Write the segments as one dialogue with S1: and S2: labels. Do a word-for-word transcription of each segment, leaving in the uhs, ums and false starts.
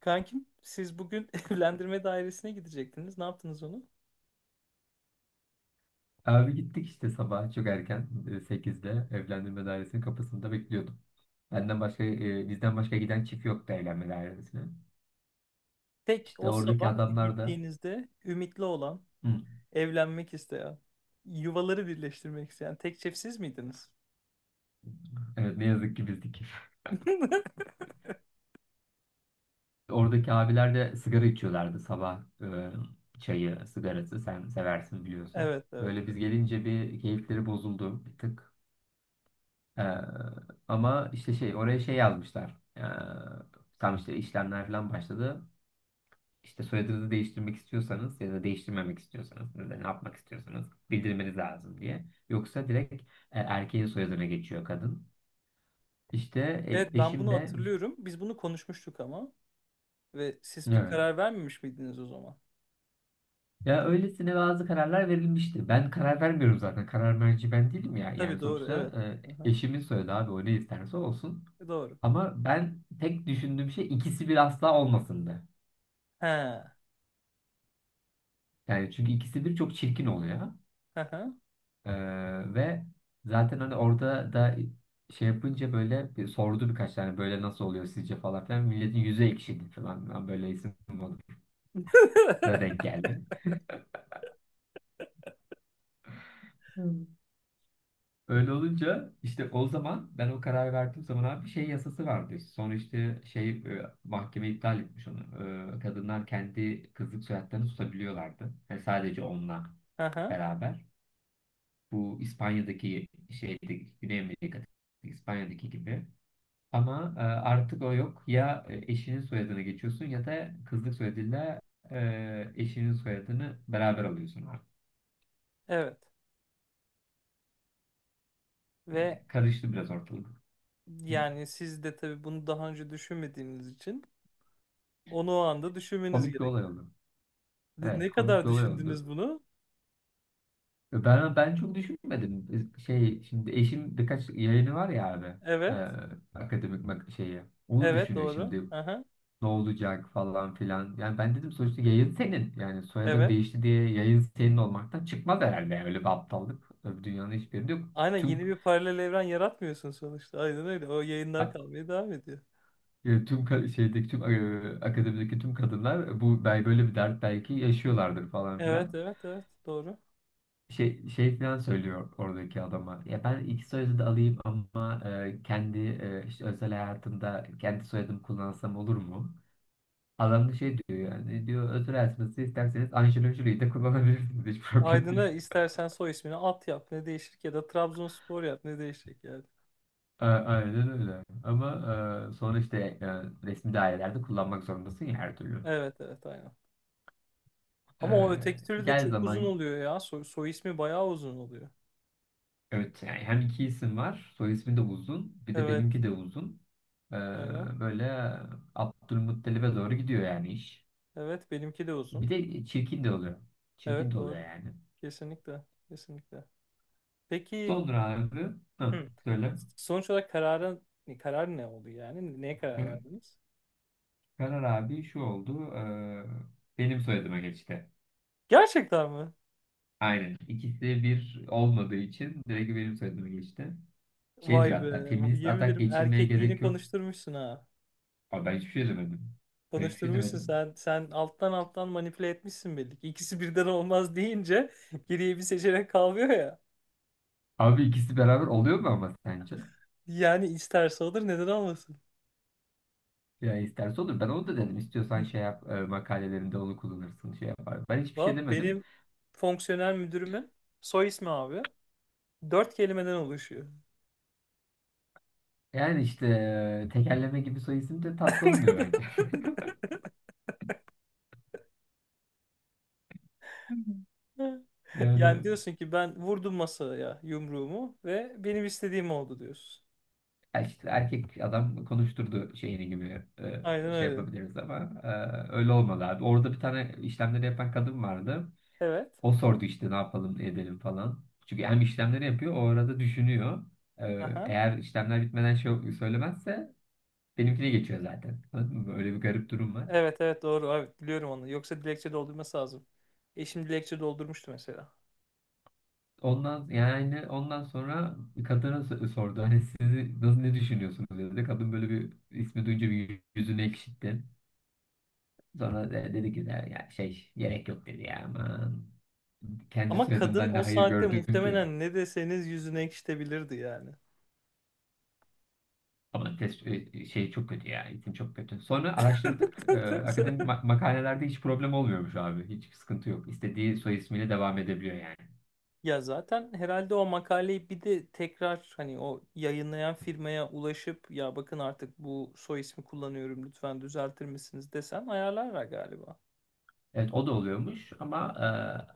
S1: Kankim siz bugün evlendirme dairesine gidecektiniz. Ne yaptınız onu?
S2: Abi gittik işte sabah çok erken e, sekizde evlendirme dairesinin kapısında bekliyordum. Benden başka e, bizden başka giden çift yoktu evlenme dairesine.
S1: Tek
S2: İşte
S1: o
S2: oradaki
S1: sabah
S2: adamlar da
S1: gittiğinizde ümitli olan,
S2: hı,
S1: evlenmek isteyen, yuvaları birleştirmek isteyen tek çift siz miydiniz?
S2: evet ne yazık ki bizdik. Oradaki abiler de sigara içiyorlardı sabah, e, çayı, sigarası sen seversin biliyorsun.
S1: Evet, evet,
S2: Böyle biz
S1: evet.
S2: gelince bir keyifleri bozuldu bir tık. E, Ama işte şey, oraya şey yazmışlar. E, tam işte işlemler falan başladı. İşte soyadınızı değiştirmek istiyorsanız ya da değiştirmemek istiyorsanız ya da ne yapmak istiyorsanız bildirmeniz lazım diye. Yoksa direkt e, erkeğin soyadına geçiyor kadın. İşte
S1: Evet,
S2: e,
S1: ben
S2: eşim
S1: bunu
S2: de
S1: hatırlıyorum. Biz bunu konuşmuştuk ama ve siz bir
S2: evet.
S1: karar vermemiş miydiniz o zaman?
S2: Ya öylesine bazı kararlar verilmişti. Ben karar vermiyorum zaten. Karar merci ben değilim ya. Yani
S1: Tabii doğru,
S2: sonuçta
S1: evet.
S2: e,
S1: Aha,
S2: eşimin soyadı abi, o ne isterse olsun.
S1: doğru.
S2: Ama ben tek düşündüğüm şey ikisi bir asla olmasındı.
S1: He.
S2: Yani çünkü ikisi bir çok çirkin oluyor.
S1: Aha.
S2: Ee, ve zaten hani orada da şey yapınca böyle bir sordu, birkaç tane böyle nasıl oluyor sizce falan filan. Milletin yüzü ekşidi falan. Ben böyle isim moduna denk geldi. Hmm. Öyle olunca işte o zaman ben o kararı verdiğim zaman abi şey yasası vardı. Sonra işte şey, e, mahkeme iptal etmiş onu. Ee, kadınlar kendi kızlık soyadlarını tutabiliyorlardı. Yani sadece onunla
S1: Aha.
S2: beraber. Bu İspanya'daki şeyde, Güney Amerika'daki İspanya'daki gibi. Ama e, artık o yok. Ya e, eşinin soyadına geçiyorsun ya da kızlık soyadıyla e, eşinin soyadını beraber alıyorsun artık.
S1: Evet.
S2: Yani
S1: Ve
S2: karıştı biraz ortalık. Hı.
S1: yani siz de tabii bunu daha önce düşünmediğiniz için onu o anda düşünmeniz
S2: Komik bir olay
S1: gerekti.
S2: oldu.
S1: De-
S2: Evet,
S1: Ne
S2: komik
S1: kadar
S2: bir olay oldu.
S1: düşündünüz bunu?
S2: E, Ben ben çok düşünmedim. E, Şey şimdi eşim birkaç yayını var ya abi. e,
S1: Evet.
S2: Akademik mak- şeyi. Onu
S1: Evet
S2: düşünüyor
S1: doğru.
S2: şimdi.
S1: Aha,
S2: Ne olacak falan filan. Yani ben dedim sonuçta yayın senin. Yani soyadın
S1: evet.
S2: değişti diye yayın senin olmaktan çıkmaz herhalde. Yani öyle bir aptallık. Dünyanın hiçbir yerinde yok
S1: Aynen,
S2: tüm,
S1: yeni bir paralel evren yaratmıyorsun sonuçta. Aynen öyle. O
S2: ha,
S1: yayınlar kalmaya devam ediyor.
S2: e, tüm ka- şeydeki tüm, e, akademideki tüm kadınlar e, bu bel- böyle bir dert belki yaşıyorlardır falan
S1: Evet
S2: filan.
S1: evet evet doğru.
S2: Şey şey filan söylüyor oradaki adama. Ya ben iki soyadı da alayım ama e, kendi, e, işte özel hayatımda kendi soyadımı kullansam olur mu? Adam da şey diyor, yani diyor özel hayatınızı isterseniz Angelina Jolie'yi de kullanabilirsiniz, hiç problem değil.
S1: Aydın'a istersen soy ismini at yap, ne değişir ki? Ya da Trabzonspor yap, ne değişecek yani.
S2: A- aynen öyle. Ama e, sonra işte, e, resmi dairelerde kullanmak zorundasın ya her türlü.
S1: Evet evet aynen. Ama o öteki
S2: Ee,
S1: türlü de
S2: gel
S1: çok uzun
S2: zaman
S1: oluyor ya. Soy, soy ismi bayağı uzun oluyor.
S2: Evet, yani hem iki isim var. Soy ismi de uzun. Bir de
S1: Evet
S2: benimki de uzun. Ee,
S1: aynen.
S2: Böyle Abdülmuttalib'e doğru gidiyor yani iş.
S1: Evet benimki de uzun.
S2: Bir de çirkin de oluyor. Çirkin
S1: Evet
S2: de oluyor
S1: doğru.
S2: yani.
S1: Kesinlikle. Kesinlikle. Peki.
S2: Sonra abi, hı,
S1: Hı.
S2: söyle.
S1: Sonuç olarak kararın karar ne oldu yani? Neye karar
S2: Ee,
S1: verdiniz?
S2: Karar abi şu oldu: ee, benim soyadıma geçti.
S1: Gerçekten mi?
S2: Aynen. İkisi bir olmadığı için direkt benim soyadıma geçti. Şey
S1: Vay
S2: diyor
S1: be.
S2: hatta, feminist
S1: Yemin
S2: atak
S1: ederim
S2: geçirmeye
S1: erkekliğini
S2: gerek yok.
S1: konuşturmuşsun ha.
S2: Abi ben hiçbir şey demedim. Ben hiçbir şey
S1: Konuşturmuşsun
S2: demedim.
S1: sen. Sen alttan alttan manipüle etmişsin belli ki. İkisi birden olmaz deyince geriye bir seçenek kalmıyor ya.
S2: Abi ikisi beraber oluyor mu ama sence?
S1: Yani isterse olur, neden olmasın?
S2: Ya isterse olur. Ben onu da dedim. İstiyorsan şey yap, e, makalelerinde onu kullanırsın, şey yapar. Ben hiçbir şey
S1: Va
S2: demedim.
S1: benim fonksiyonel müdürümün soy ismi abi. Dört kelimeden oluşuyor.
S2: Yani işte e, tekerleme gibi soy isim de tatlı olmuyor bence. Hı hı.
S1: Yani
S2: Yani,
S1: diyorsun ki ben vurdum masaya yumruğumu ve benim istediğim oldu diyorsun.
S2: ya işte erkek adam konuşturdu şeyini gibi,
S1: Aynen
S2: e, şey
S1: öyle.
S2: yapabiliriz ama e, öyle olmadı abi. Orada bir tane işlemleri yapan kadın vardı.
S1: Evet.
S2: O sordu işte ne yapalım, ne edelim falan. Çünkü hem işlemleri yapıyor, o arada düşünüyor. E,
S1: Aha.
S2: Eğer işlemler bitmeden şey söylemezse benimkine geçiyor zaten. Anladın mı? Öyle bir garip durum var.
S1: Evet evet doğru evet biliyorum onu. Yoksa dilekçe doldurması lazım. Eşim dilekçe doldurmuştu mesela.
S2: Ondan, yani ondan sonra kadına s- sordu. Hani sizi nasıl, ne düşünüyorsunuz dedi. Kadın böyle bir ismi duyunca bir yüzünü ekşitti. Sonra de- dedi ki de, ya şey gerek yok dedi ya, aman. Kendi
S1: Ama kadın
S2: soyadımdan ne
S1: o
S2: hayır
S1: saatte
S2: gördüm ki.
S1: muhtemelen ne deseniz yüzüne ekşitebilirdi yani.
S2: Ama test e, e, şey çok kötü ya, isim çok kötü. Sonra araştırdık. Ee, akademik ma- makalelerde hiç problem olmuyormuş abi. Hiç sıkıntı yok. İstediği soy ismiyle devam edebiliyor yani.
S1: Ya zaten herhalde o makaleyi bir de tekrar hani o yayınlayan firmaya ulaşıp, ya bakın, artık bu soy ismi kullanıyorum, lütfen düzeltir misiniz desem ayarlarlar galiba.
S2: Evet, o da oluyormuş ama e,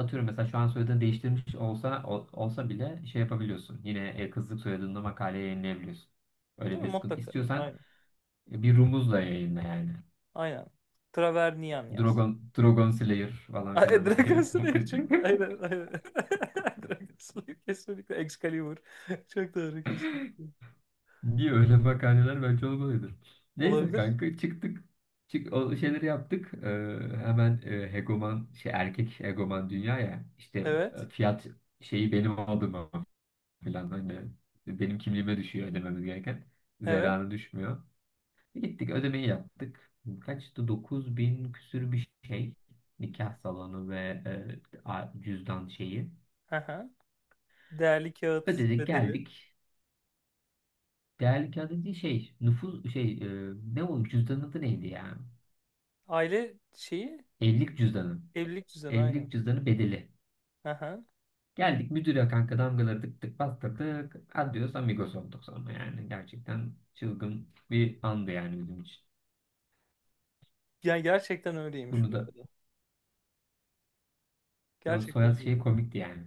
S2: atıyorum mesela şu an soyadını değiştirmiş olsa ol- olsa bile şey yapabiliyorsun. Yine e, kızlık soyadında makale yayınlayabiliyorsun. Öyle
S1: Değil mi?
S2: bir sıkıntı.
S1: Mutlaka.
S2: İstiyorsan
S1: Aynen.
S2: e, bir rumuzla yayınla yani.
S1: Aynen. Travernian yaz.
S2: Dragon, Dragon Slayer falan
S1: Ay,
S2: filan
S1: Dragon
S2: diye.
S1: Slayer çok. Aynen aynen. Dragon Slayer kesinlikle. Excalibur. Çok doğru, kesinlikle.
S2: Niye, öyle makaleler bence olmalıydı. Neyse
S1: Olabilir.
S2: kanka, çıktık. Çık, o şeyleri yaptık. E, hemen e, hegoman şey, erkek hegoman dünya ya, işte
S1: Evet.
S2: e, fiyat şeyi benim adıma, falan öyle. Benim kimliğime düşüyor ödememiz gereken.
S1: Evet.
S2: Zerarı düşmüyor. Gittik ödemeyi yaptık. Kaçtı? Dokuz bin küsür bir şey. Nikah salonu ve e, a- cüzdan şeyi.
S1: Aha. Değerli kağıt
S2: Ödedik
S1: bedeli.
S2: geldik. Değerli kağıt dediği şey nüfus şey, e, ne, o cüzdanın adı neydi ya?
S1: Aile şeyi,
S2: Evlilik cüzdanı. E-
S1: evlilik düzeni aynen.
S2: evlilik cüzdanı bedeli.
S1: Aha.
S2: Geldik müdüre kanka, damgaları tık tık bastırdık. Adios amigos olduk sonra yani. Gerçekten çılgın bir andı yani bizim için.
S1: Yani gerçekten öyleymiş
S2: Bunu
S1: bu
S2: da,
S1: arada.
S2: o
S1: Gerçekten
S2: soyad şey
S1: öyleymiş.
S2: komikti yani.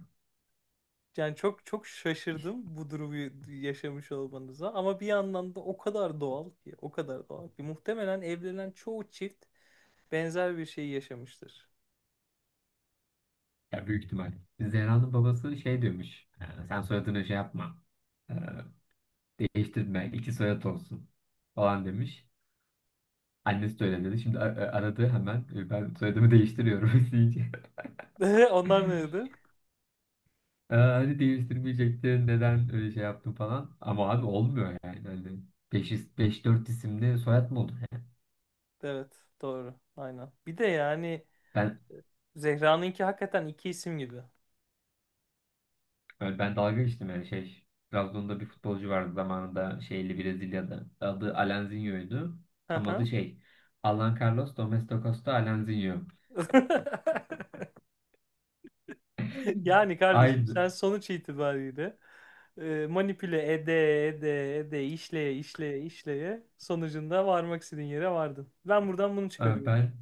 S1: Yani çok çok
S2: İşte,
S1: şaşırdım bu durumu yaşamış olmanıza, ama bir yandan da o kadar doğal ki, o kadar doğal ki muhtemelen evlenen çoğu çift benzer bir şey yaşamıştır.
S2: ya büyük ihtimal. Zehra'nın babası şey diyormuş: "Ee, Sen soyadını şey yapma. Ee, Değiştirme. İki soyad olsun." Falan demiş. Annesi de öyle dedi. Şimdi a- a- aradı hemen. "Ee, Ben soyadımı değiştiriyorum," deyince,
S1: Onlar neydi?
S2: "aa, hani değiştirmeyecektin. Neden öyle şey yaptın" falan. Ama abi olmuyor yani. Hani beş beş dört isimli soyad mı olur yani?
S1: Evet, doğru. Aynen. Bir de yani
S2: Ben
S1: Zehra'nınki hakikaten iki isim gibi.
S2: Evet, ben dalga geçtim yani şey. Trabzon'da bir futbolcu vardı zamanında, şeyli Brezilya'da. Adı Alanzinho'ydu.
S1: Hı
S2: Tam adı
S1: hı.
S2: şey: Alan Carlos Domés de Costa Alanzinho.
S1: Yani kardeşim
S2: Aynı.
S1: sen sonuç itibariyle e, manipüle ede ede ede işleye işleye işleye sonucunda varmak istediğin yere vardın. Ben buradan bunu
S2: Ee,
S1: çıkarıyorum.
S2: Ben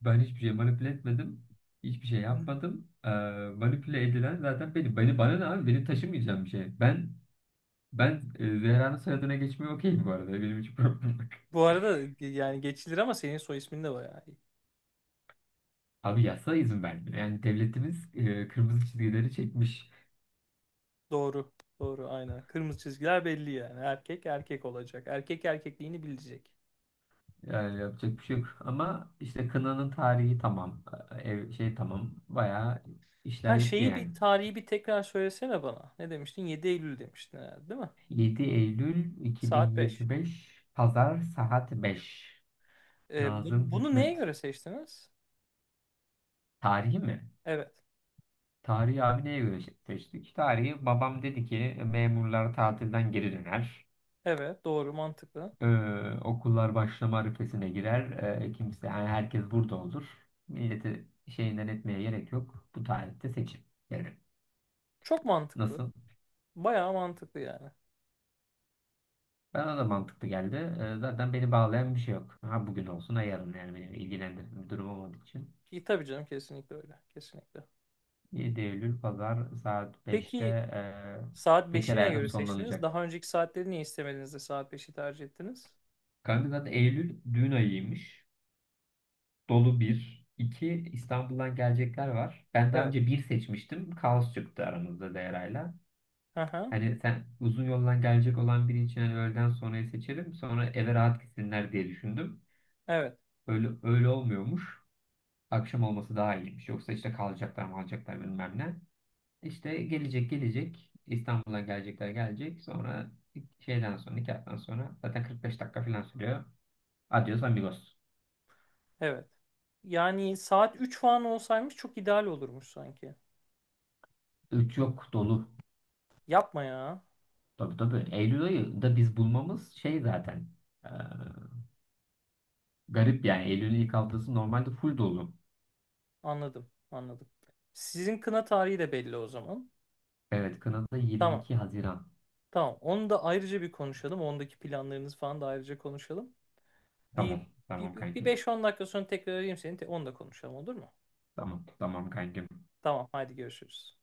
S2: ben hiçbir şey manipüle etmedim. Hiçbir şey yapmadım. Ee, manipüle edilen zaten benim. Beni bana ne abi? Benim taşımayacağım bir şey. Ben ben e, Zehra'nın soyadına geçmeye okeyim bu arada. Benim hiç problem yok.
S1: Bu arada ge- yani geçilir ama senin soy ismin de bayağı iyi.
S2: Abi yasa izin vermiyor. Yani devletimiz e, kırmızı çizgileri çekmiş.
S1: Doğru. Doğru aynen. Kırmızı çizgiler belli yani. Erkek erkek olacak. Erkek erkekliğini bilecek.
S2: Yani yapacak bir şey yok. Ama işte kınanın tarihi tamam. Ev, şey tamam. Bayağı
S1: Ha,
S2: işler bitti
S1: şeyi bir
S2: yani.
S1: tarihi bir tekrar söylesene bana. Ne demiştin? Yedi Eylül demiştin herhalde, değil mi?
S2: yedi Eylül
S1: Saat beş.
S2: iki bin yirmi beş Pazar, saat beş.
S1: Ee, bu-
S2: Nazım
S1: bunu neye
S2: Hikmet.
S1: göre seçtiniz?
S2: Tarihi mi?
S1: Evet.
S2: Tarihi abi neye göre şey seçtik? Tarihi, babam dedi ki memurlar tatilden geri döner.
S1: Evet, doğru, mantıklı.
S2: Ee, Okullar başlama arifesine girer. Ee, kimse, yani herkes burada olur. Milleti şeyinden etmeye gerek yok. Bu tarihte seçim. Yani,
S1: Çok mantıklı.
S2: nasıl?
S1: Bayağı mantıklı yani.
S2: Bana da mantıklı geldi. Ee, Zaten beni bağlayan bir şey yok. Ha bugün olsun ha yarın, yani beni ilgilendiren bir durum olmadığı için.
S1: İyi tabii canım, kesinlikle öyle. Kesinlikle.
S2: yedi Eylül pazar saat beşte
S1: Peki saat
S2: e,
S1: beşi
S2: bekar
S1: neye
S2: hayatım
S1: göre seçtiniz?
S2: sonlanacak.
S1: Daha önceki saatleri niye istemediniz de saat beşi tercih ettiniz?
S2: Kanka zaten Eylül düğün ayıymış. Dolu bir. İki, İstanbul'dan gelecekler var. Ben daha
S1: Evet.
S2: önce bir seçmiştim. Kaos çıktı aramızda Değera'yla.
S1: Aha.
S2: Hani sen uzun yoldan gelecek olan biri için hani öğleden sonrayı seçerim, sonra eve rahat gitsinler diye düşündüm.
S1: Evet.
S2: Öyle, öyle olmuyormuş. Akşam olması daha iyiymiş. Yoksa işte kalacaklar mı, alacaklar bilmem ne. İşte gelecek gelecek. İstanbul'a gelecekler gelecek. Sonra şeyden sonra, nikahtan sonra zaten kırk beş dakika falan sürüyor. Adios amigos.
S1: Evet. Yani saat üç falan olsaymış çok ideal olurmuş sanki.
S2: Üç yok, dolu.
S1: Yapma ya.
S2: Tabii tabii. Eylül ayı da biz bulmamız şey zaten. eee, Garip yani. Eylül'ün ilk haftası normalde full dolu.
S1: Anladım, anladım. Sizin kına tarihi de belli o zaman.
S2: Evet, Kanada
S1: Tamam,
S2: yirmi iki Haziran.
S1: tamam. Onu da ayrıca bir konuşalım. Ondaki planlarınız falan da ayrıca konuşalım. Bir,
S2: Tamam.
S1: bir,
S2: Tamam
S1: bir
S2: kankim.
S1: beş on dakika sonra tekrar arayayım seni. Te- Onu da konuşalım, olur mu?
S2: Tamam. Tamam kankim.
S1: Tamam, haydi görüşürüz.